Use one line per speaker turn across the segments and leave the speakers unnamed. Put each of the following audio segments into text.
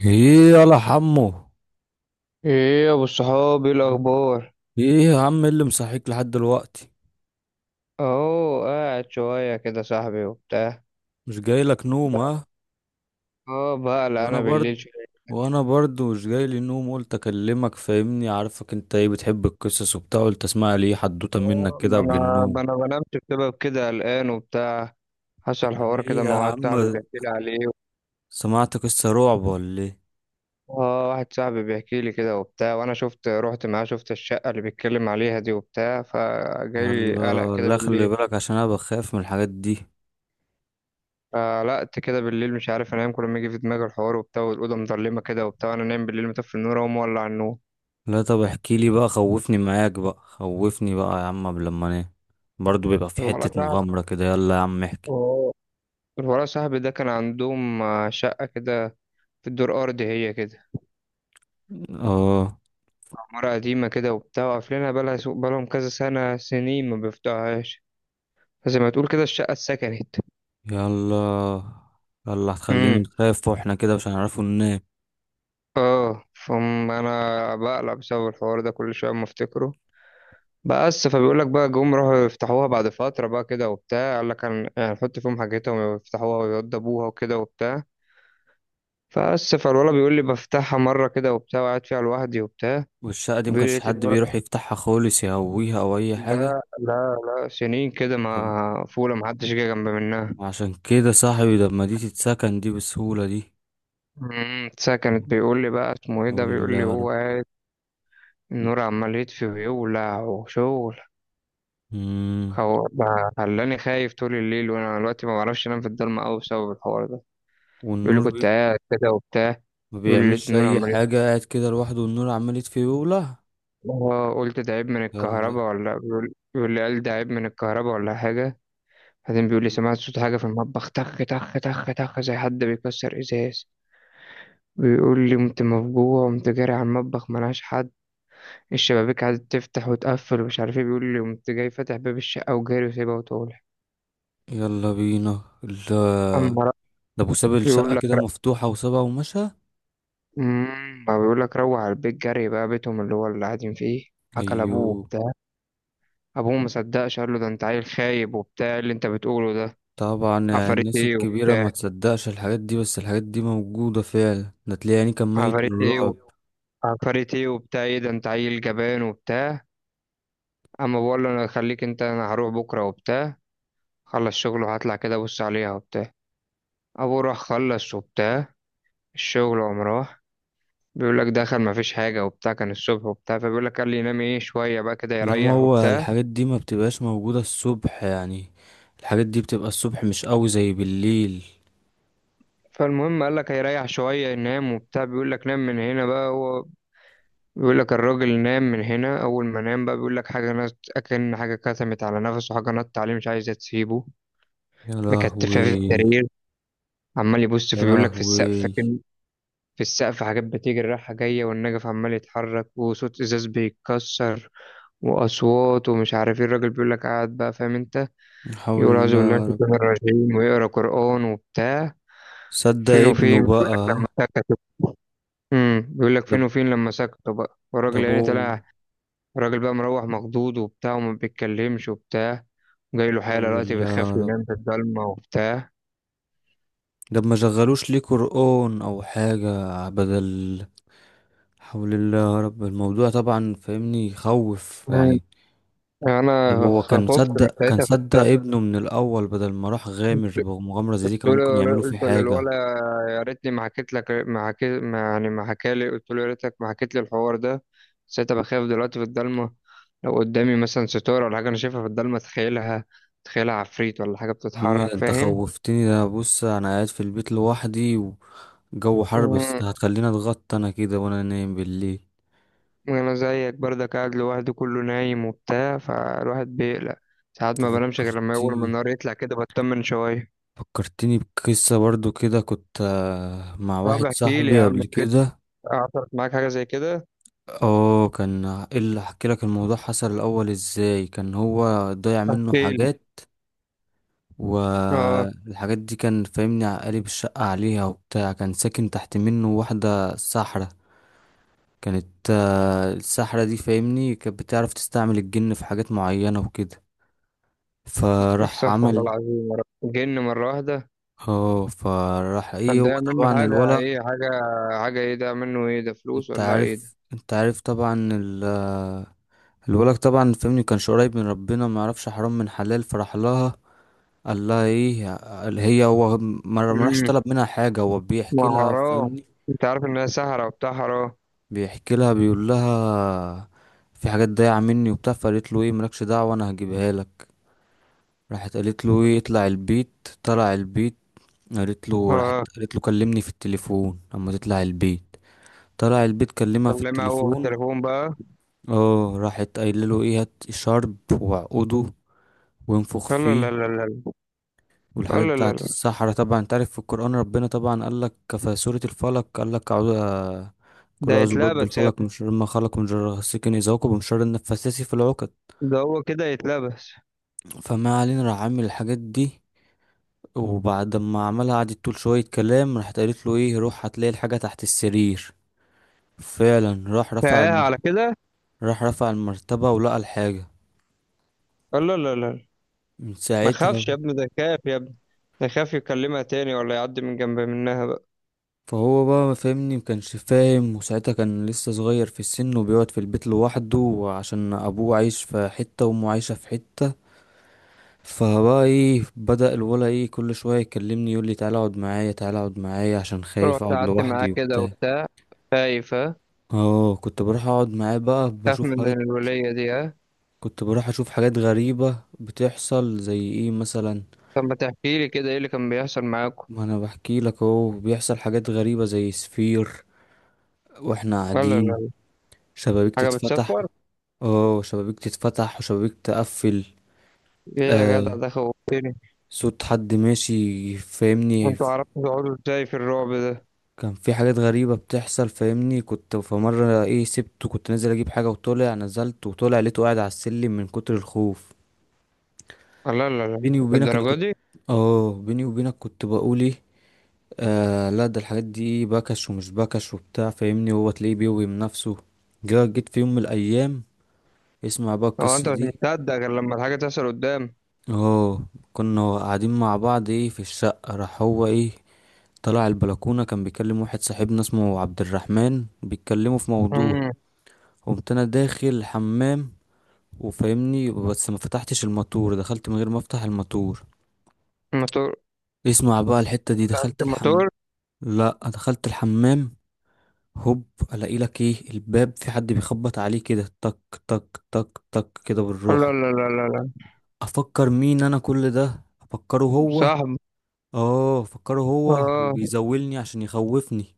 ايه يلا حمو.
ايه يا ابو الصحاب؟ ايه
مم.
الاخبار؟
ايه يا عم اللي مصحيك لحد دلوقتي؟
اهو قاعد شويه كده صاحبي وبتاع
مش جاي لك نوم،
بقى.
ها؟
اه، بقلق
وانا
انا
برد،
بالليل شويه.
وانا برضو مش جاي لي نوم، قلت اكلمك. فاهمني عارفك انت، ايه بتحب القصص وبتاع، قلت اسمع لي إيه حدوته منك
آه،
كده
ما
قبل
انا
النوم.
ما انا بنامش بسبب كده، قلقان وبتاع. حصل حوار
ايه
كده
يا
مع واحد
عم،
صاحبي بيحكي لي عليه.
سمعت قصة رعب ولا ايه؟
اه، واحد صاحبي بيحكي لي كده وبتاع، وانا شفت، رحت معاه، شفت الشقه اللي بيتكلم عليها دي وبتاع، فجاي لي قلق
يلا،
كده
لا خلي
بالليل.
بالك، عشان انا بخاف من الحاجات دي.
قلقت كده بالليل، مش عارف انام، كل ما يجي في دماغي الحوار وبتاع والاوضه مضلمه كده وبتاع. انا نايم بالليل مطفي النور، اقوم مولع النور.
لا طب احكي لي بقى، خوفني معاك بقى، خوفني بقى يا عم قبل ما انام. برضو بيبقى في
الولد
حتة مغامرة كده، يلا يا عم احكي.
قعد الورا. صاحبي ده كان عندهم شقة كده، في الدور أرضي هي كده.
اه
عمارة قديمة كده وبتاع، وقافلينها بقالها بقالهم كذا سنة، سنين ما بيفتحوهاش. فزي ما تقول كده الشقة اتسكنت.
يلا. يلا هتخلينا
امم.
نخاف، واحنا كده مش هنعرفوا ننام.
اه، انا بقلق بسبب الحوار ده كل شويه اما افتكره. بس، فبيقول لك بقى جم راحوا يفتحوها بعد فتره بقى كده وبتاع. قال لك يعني هنحط فيهم حاجتهم ويفتحوها ويوضبوها وكده وبتاع. فبس، فالولا بيقول لي بفتحها مره كده وبتاع، وقاعد فيها لوحدي وبتاع.
والشقة دي
بيقول لي
مكانش
لقيت.
حد بيروح يفتحها خالص، يهويها او اي حاجة؟
لا، لا، لا، سنين كده
طب
ما فولة محدش جه جنب منها.
عشان كده صاحبي ده، ما دي تتسكن دي بسهولة دي.
امم، ساعة. بيقول لي بقى اسمه ايه ده.
حول الله
بيقول لي
يا
هو
رب.
قاعد، النور عمال يطفي ويولع وشغل.
مم.
هو بقى خلاني خايف طول الليل، وانا دلوقتي ما بعرفش انام في الضلمة قوي بسبب الحوار ده. بيقول لي
والنور بي...
كنت قاعد كده وبتاع.
ما
بيقول لي لقيت
بيعملش
النور
اي
عمال يطفي.
حاة، قاعد كده لوحده والنور عمال يطفي ويولع.
آه، قلت ده عيب من
يلا.
الكهرباء، ولا بيقول لي قال ده عيب من الكهرباء ولا حاجة. بعدين بيقول لي سمعت صوت حاجة في المطبخ، تخ تخ تخ تخ، زي حد بيكسر ازاز. بيقول لي قمت مفجوع، قمت جاري على المطبخ، ملهاش حد. الشبابيك قعدت تفتح وتقفل ومش عارف ايه. بيقول لي قمت جاي فاتح باب الشقة وجاري وسايبها وطالع.
يلا بينا الله،
أما ر-
ده ابو ساب الشقة
بيقول لك
كده مفتوحة وسابها ومشى.
ما بيقول لك روح على البيت جري بقى، بيتهم اللي هو اللي قاعدين فيه. حكى لأبوه
ايوه.
وبتاع. أبوه مصدقش، قال له ده أنت عيل خايب وبتاع، إيه اللي أنت بتقوله ده؟
طبعا يعني
عفاريت
الناس
إيه
الكبيرة ما
وبتاع؟
تصدقش الحاجات دي، بس الحاجات دي موجودة فعلا، ده تلاقي يعني كان ميت من
عفاريت إيه و...
الرعب.
عفاريت إيه وبتاع؟ إيه ده، أنت عيل جبان وبتاع. أما بقول له أنا خليك أنت، أنا هروح بكرة وبتاع. خلص شغله وهطلع كده بص عليها وبتاع. ابوه راح خلص وبتاع الشغل، وقام راح. بيقول لك دخل ما فيش حاجه وبتاع، كان الصبح وبتاع. فبيقول لك قال لي ينام ايه شويه بقى كده
لا ما
يريح
هو
وبتاع.
الحاجات دي ما بتبقاش موجودة الصبح يعني. الحاجات دي بتبقى الصبح مش قوي زي بالليل.
فالمهم، قال لك هيريح شويه ينام وبتاع. بيقول لك نام من هنا بقى هو. بيقول لك الراجل نام من هنا. اول ما نام بقى، بيقول لك حاجه نط، اكن حاجه كتمت على نفسه، حاجه نط عليه مش عايزه تسيبه،
يا
مكتفاه في
لهوي.
السرير. عمال يبص
يا
في، بيقول لك، في السقف.
لهوي.
في السقف حاجات بتجري رايحة جاية، والنجف عمال يتحرك، وصوت إزاز بيتكسر وأصوات ومش عارف ايه. الراجل بيقول لك قاعد بقى، فاهم انت؟
لا حول
يقول أعوذ بالله من
الله.
الشيطان الرجيم، ويقرأ قرآن وبتاع.
صدق
فين
ابنه
وفين بيقول لك
بقى.
لما سكتوا. بيقول لك
ده
فين وفين لما سكتوا بقى،
ده
والراجل
ابوه.
يعني
لا
طلع. الراجل بقى مروح مخضوض وبتاع، وما بيتكلمش وبتاع. جاي له حالة
حول
دلوقتي
الله
بيخاف
يا رب.
ينام في الضلمة وبتاع.
ده ما شغلوش ليه قرآن او حاجة؟ بدل لا. حول الله يا رب، الموضوع طبعا فاهمني يخوف
مم.
يعني. ده
أنا
هو كان
خفت من
مصدق، كان
ساعتها في
صدق
الشر.
ابنه من الأول بدل ما راح غامر بمغامرة زي دي، كانوا
دول.
ممكن يعملوا
قلت
فيه حاجة.
للولد يا ريتني ما حكيت لك، ما حكيت، ما يعني، ما حكالي. قلت له يا ريتك ما حكيت لي الحوار ده. بس أنا بخاف دلوقتي في الضلمه. لو قدامي مثلا ستاره ولا حاجه انا شايفها في الضلمه تخيلها عفريت ولا حاجه
محمد
بتتحرك،
انت
فاهم؟
خوفتني، ده بص انا قاعد في البيت لوحدي وجو حر، بس
مم.
هتخليني اتغطى انا كده وانا نايم بالليل.
انا زيك برضك قاعد لوحدي، كله نايم وبتاع، فالواحد بيقلق. ساعات
انت
ما بنامش غير لما اول ما
فكرتني
النهار يطلع كده بطمن شويه.
فكرتني بقصة برضو كده، كنت مع
طب
واحد
احكي لي يا
صاحبي
عم،
قبل كده.
حصلت معاك حاجه زي كده؟
اه كان إيه اللي احكي لك، الموضوع حصل الاول ازاي؟ كان هو ضيع منه
احكي لي.
حاجات.
اه،
والحاجات دي كان فاهمني قالب الشقة عليها وبتاع، كان ساكن تحت منه واحدة ساحرة. كانت الساحرة دي فاهمني كانت بتعرف تستعمل الجن في حاجات معينة وكده. فراح
احسف والله
عمل.
العظيم، جن مره واحده؟
اه فراح ايه،
كان
هو
ده
طبعا
منه حاجة
الولد.
ايه؟ حاجة، حاجة ايه ده منه؟ ايه ده، فلوس
انت
ولا ايه ده؟
عارف انت عارف طبعا ال آه، الولد طبعا فاهمني كانش قريب من ربنا، ما يعرفش حرام من حلال، فراح لها. قال لها ايه، قال هي هو ما راحش
امم.
طلب منها حاجة، هو
ما
بيحكي لها
حرام،
فاهمني.
انت عارف انها سهرة وبتاع، حرام.
بيحكي لها، بيقول لها في حاجات ضايعة مني وبتاع، فقالت له ايه مالكش دعوة انا هجيبها لك. راحت قالت له ايه اطلع البيت، طلع البيت. قالت له راحت
اه.
قالت له كلمني في التليفون اما تطلع البيت. طلع البيت كلمها في
كلمها هو في
التليفون.
التليفون بقى؟
اه راحت قايله له ايه هات شرب وعقده وانفخ
لا،
فيه.
لا، لا، لا، لا،
والحاجات
لا، لا، لا،
بتاعت
لا.
السحرة طبعا انت عارف، في القرآن ربنا طبعا قال لك في سورة الفلق قال لك أعوذ. كل
ده
أعوذ برب
يتلبس يا
الفلق
ابني،
من شر ما خلق، من شر غاسق إذا وقب، ومن شر النفاثات في العقد.
ده هو كده يتلبس.
فما علينا، راح عامل الحاجات دي، وبعد ما عملها قعدت تقول شوية كلام، راحت قالت له ايه روح هتلاقي الحاجة تحت السرير. فعلا
فايه على كده؟
راح رفع المرتبة ولقى الحاجة.
لا، لا، لا، لا.
من
ما
ساعتها.
خافش يا ابني؟ ده خاف يا ابني، ده خاف يكلمها تاني ولا يعدي من جنب منها بقى.
فهو بقى ما فهمني مكانش فاهم، وساعتها كان لسه صغير في السن وبيقعد في البيت لوحده، عشان ابوه عايش في حتة وامه عايشة في حتة. فبقى ايه بدأ الولا ايه كل شوية يكلمني يقول لي تعالى اقعد معايا، تعالى اقعد معايا عشان خايف
رحت
اقعد
قعدت معاه
لوحدي
كده
وبتاع.
وبتاع؟ خايف، ها؟
اه كنت بروح اقعد معاه بقى
خاف
بشوف
من
حاجات.
الولية دي، ها؟
كنت بروح اشوف حاجات غريبة بتحصل، زي ايه مثلا؟
طب ما تحكي لي كده ايه اللي كان بيحصل معاكم.
ما انا بحكي لك اهو، بيحصل حاجات غريبة زي سفير واحنا
لا، لا،
قاعدين،
لا،
شبابيك
حاجة
تتفتح.
بتسفر؟
اه شبابيك تتفتح وشبابيك تقفل.
ايه يا جدع،
آه
ده خوفتني.
صوت حد ماشي فاهمني.
وانتوا عرفتوا تقعدوا ازاي في الرعب ده؟
كان في حاجات غريبة بتحصل فاهمني. كنت في مرة ايه سبته، كنت نازل اجيب حاجة، وطلع نزلت وطلع لقيته قاعد على السلم من كتر الخوف.
لا، لا، لا،
بيني وبينك انا
الدرجة
كنت.
دي؟
اه بيني وبينك كنت بقول ايه، آه لا ده الحاجات دي بكش ومش بكش وبتاع فاهمني، هو تلاقيه بيوهم نفسه. جيت في يوم من الايام، اسمع بقى
هو
القصة
انت مش
دي.
مصدق غير لما الحاجة تحصل قدام؟
اه كنا قاعدين مع بعض ايه في الشقة، راح هو ايه طلع البلكونة كان بيكلم واحد صاحبنا اسمه عبد الرحمن، بيتكلموا في موضوع.
امم.
قمت انا داخل الحمام، وفاهمني بس ما فتحتش الماتور، دخلت من غير ما افتح الماتور.
الموتور؟
اسمع بقى الحتة دي،
تعبت
دخلت الحمام.
الموتور.
لا دخلت الحمام. هوب. الاقي لك ايه الباب في حد بيخبط عليه كده تك تك تك تك كده
لا،
بالروحة.
لا، لا، لا، لا.
افكر مين، انا كل ده افكره هو.
صاحبي.
اه افكره هو،
اه.
وبيزولني عشان يخوفني.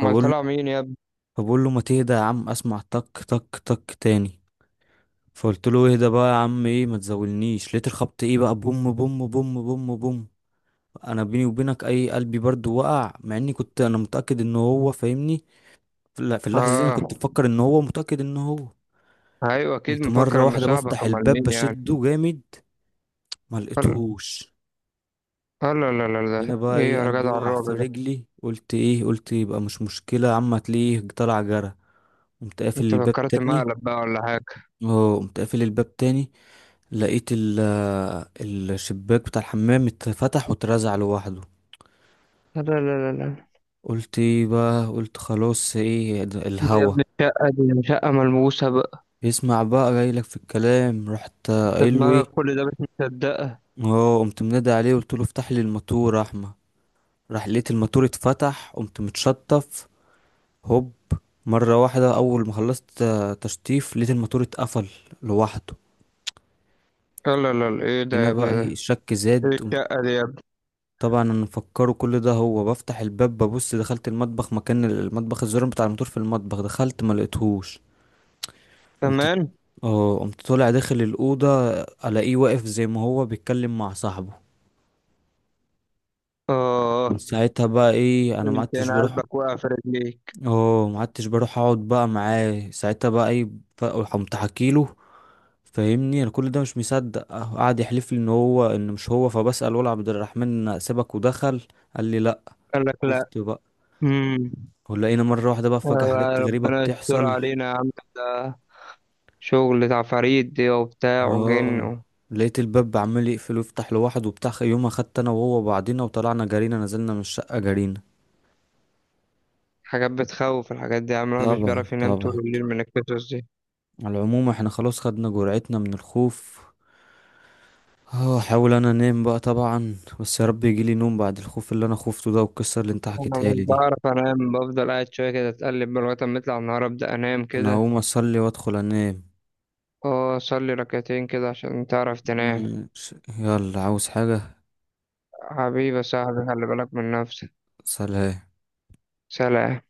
امال طلع
له
مين يا ابني؟
فبقول له ما تهدى يا عم. اسمع تك تك تك تاني. فقلت له اهدى بقى يا عم ايه، ما تزولنيش. لقيت الخبط ايه بقى بوم بوم بوم بوم بوم. انا بيني وبينك اي قلبي برضو وقع، مع اني كنت انا متأكد ان هو فاهمني. لا في اللحظة دي أنا كنت
اه.
بفكر إن هو، متأكد إن هو.
ايوه، اكيد
كنت
مفكر
مرة
انه
واحدة
صاحبك،
بفتح
امال
الباب
مين يعني؟
بشده جامد، ما
قال.
لقيتهوش.
لا، لا، لا، لا،
هنا
ده
بقى
ايه
إيه،
يا
قلبي
جدع
وقع
الرعب
في
ده؟
رجلي. قلت إيه، قلت يبقى مش مشكلة يا عم، هتلاقيه طلع جرى. قمت قافل
انت
الباب
فكرت
تاني.
مقلب بقى ولا حاجة؟
اه قمت قافل الباب تاني لقيت ال الشباك بتاع الحمام اتفتح واترزع لوحده.
لا، لا، لا، لا، لا.
قلت ايه بقى، قلت خلاص ايه ده
دي يا
الهوا.
ابني، الشقة دي شقة ملموسة بقى.
يسمع بقى جايلك في الكلام، رحت
ده
قايله ايه.
دماغك كل ده مش مصدقة.
اه قمت منادي عليه، قلت له افتح لي الماتور يا احمد. راح لقيت الماتور اتفتح، قمت متشطف. هوب. مرة واحدة أول ما خلصت تشطيف لقيت الماتور اتقفل لوحده.
لا، لا، لا، ايه ده
هنا
يا
بقى
ابني ده؟
الشك زاد،
ايه
قمت.
الشقة دي يا ابني؟
طبعا انا مفكره كل ده هو، بفتح الباب ببص دخلت المطبخ، مكان المطبخ الزرار بتاع الماتور في المطبخ، دخلت ما لقيتهوش. قمت.
كمان.
اه قمت طالع داخل الأوضة، ألاقيه واقف زي ما هو بيتكلم مع صاحبه. من
اه.
ساعتها بقى ايه انا ما
انت،
عدتش
انا
بروح.
قلبك وقع في رجليك.
اه ما عدتش بروح اقعد بقى معاه ساعتها بقى اي. بقى، قمت حكيله. فاهمني انا كل ده مش مصدق، قعد يحلف لي ان هو ان مش هو، فبسأل ولا عبد الرحمن سيبك ودخل؟ قال لي لا.
قال لك لا.
خفت بقى.
امم.
ولقينا مرة واحدة بقى فجأة
آه،
حاجات غريبة
ربنا يستر
بتحصل.
علينا يا عم، ده شغل عفاريت دي وبتاع
اه
وجن.
لقيت الباب عمال يقفل ويفتح لوحده وبتاع، يوم خدت انا وهو بعضينا وطلعنا جرينا، نزلنا من الشقة جرينا.
حاجات بتخوف الحاجات دي يا عم، الواحد مش
طبعا
بيعرف ينام طول
طبعا.
الليل من القصص دي.
على العموم احنا خلاص خدنا جرعتنا من الخوف. اه احاول انا انام بقى طبعا، بس يا رب يجيلي نوم بعد الخوف اللي انا خفته ده والقصه اللي انت
انا
حكيتها
مش
لي دي.
بعرف انام، بفضل قاعد شويه كده، اتقلب من لغايه ما يطلع النهار، ابدا انام
انا
كده.
هقوم اصلي وادخل انام.
اه، صلي ركعتين كده عشان تعرف تنام.
مم. يلا عاوز حاجه؟
حبيبي يا صاحبي، خلي بالك من نفسك.
سلام.
سلام.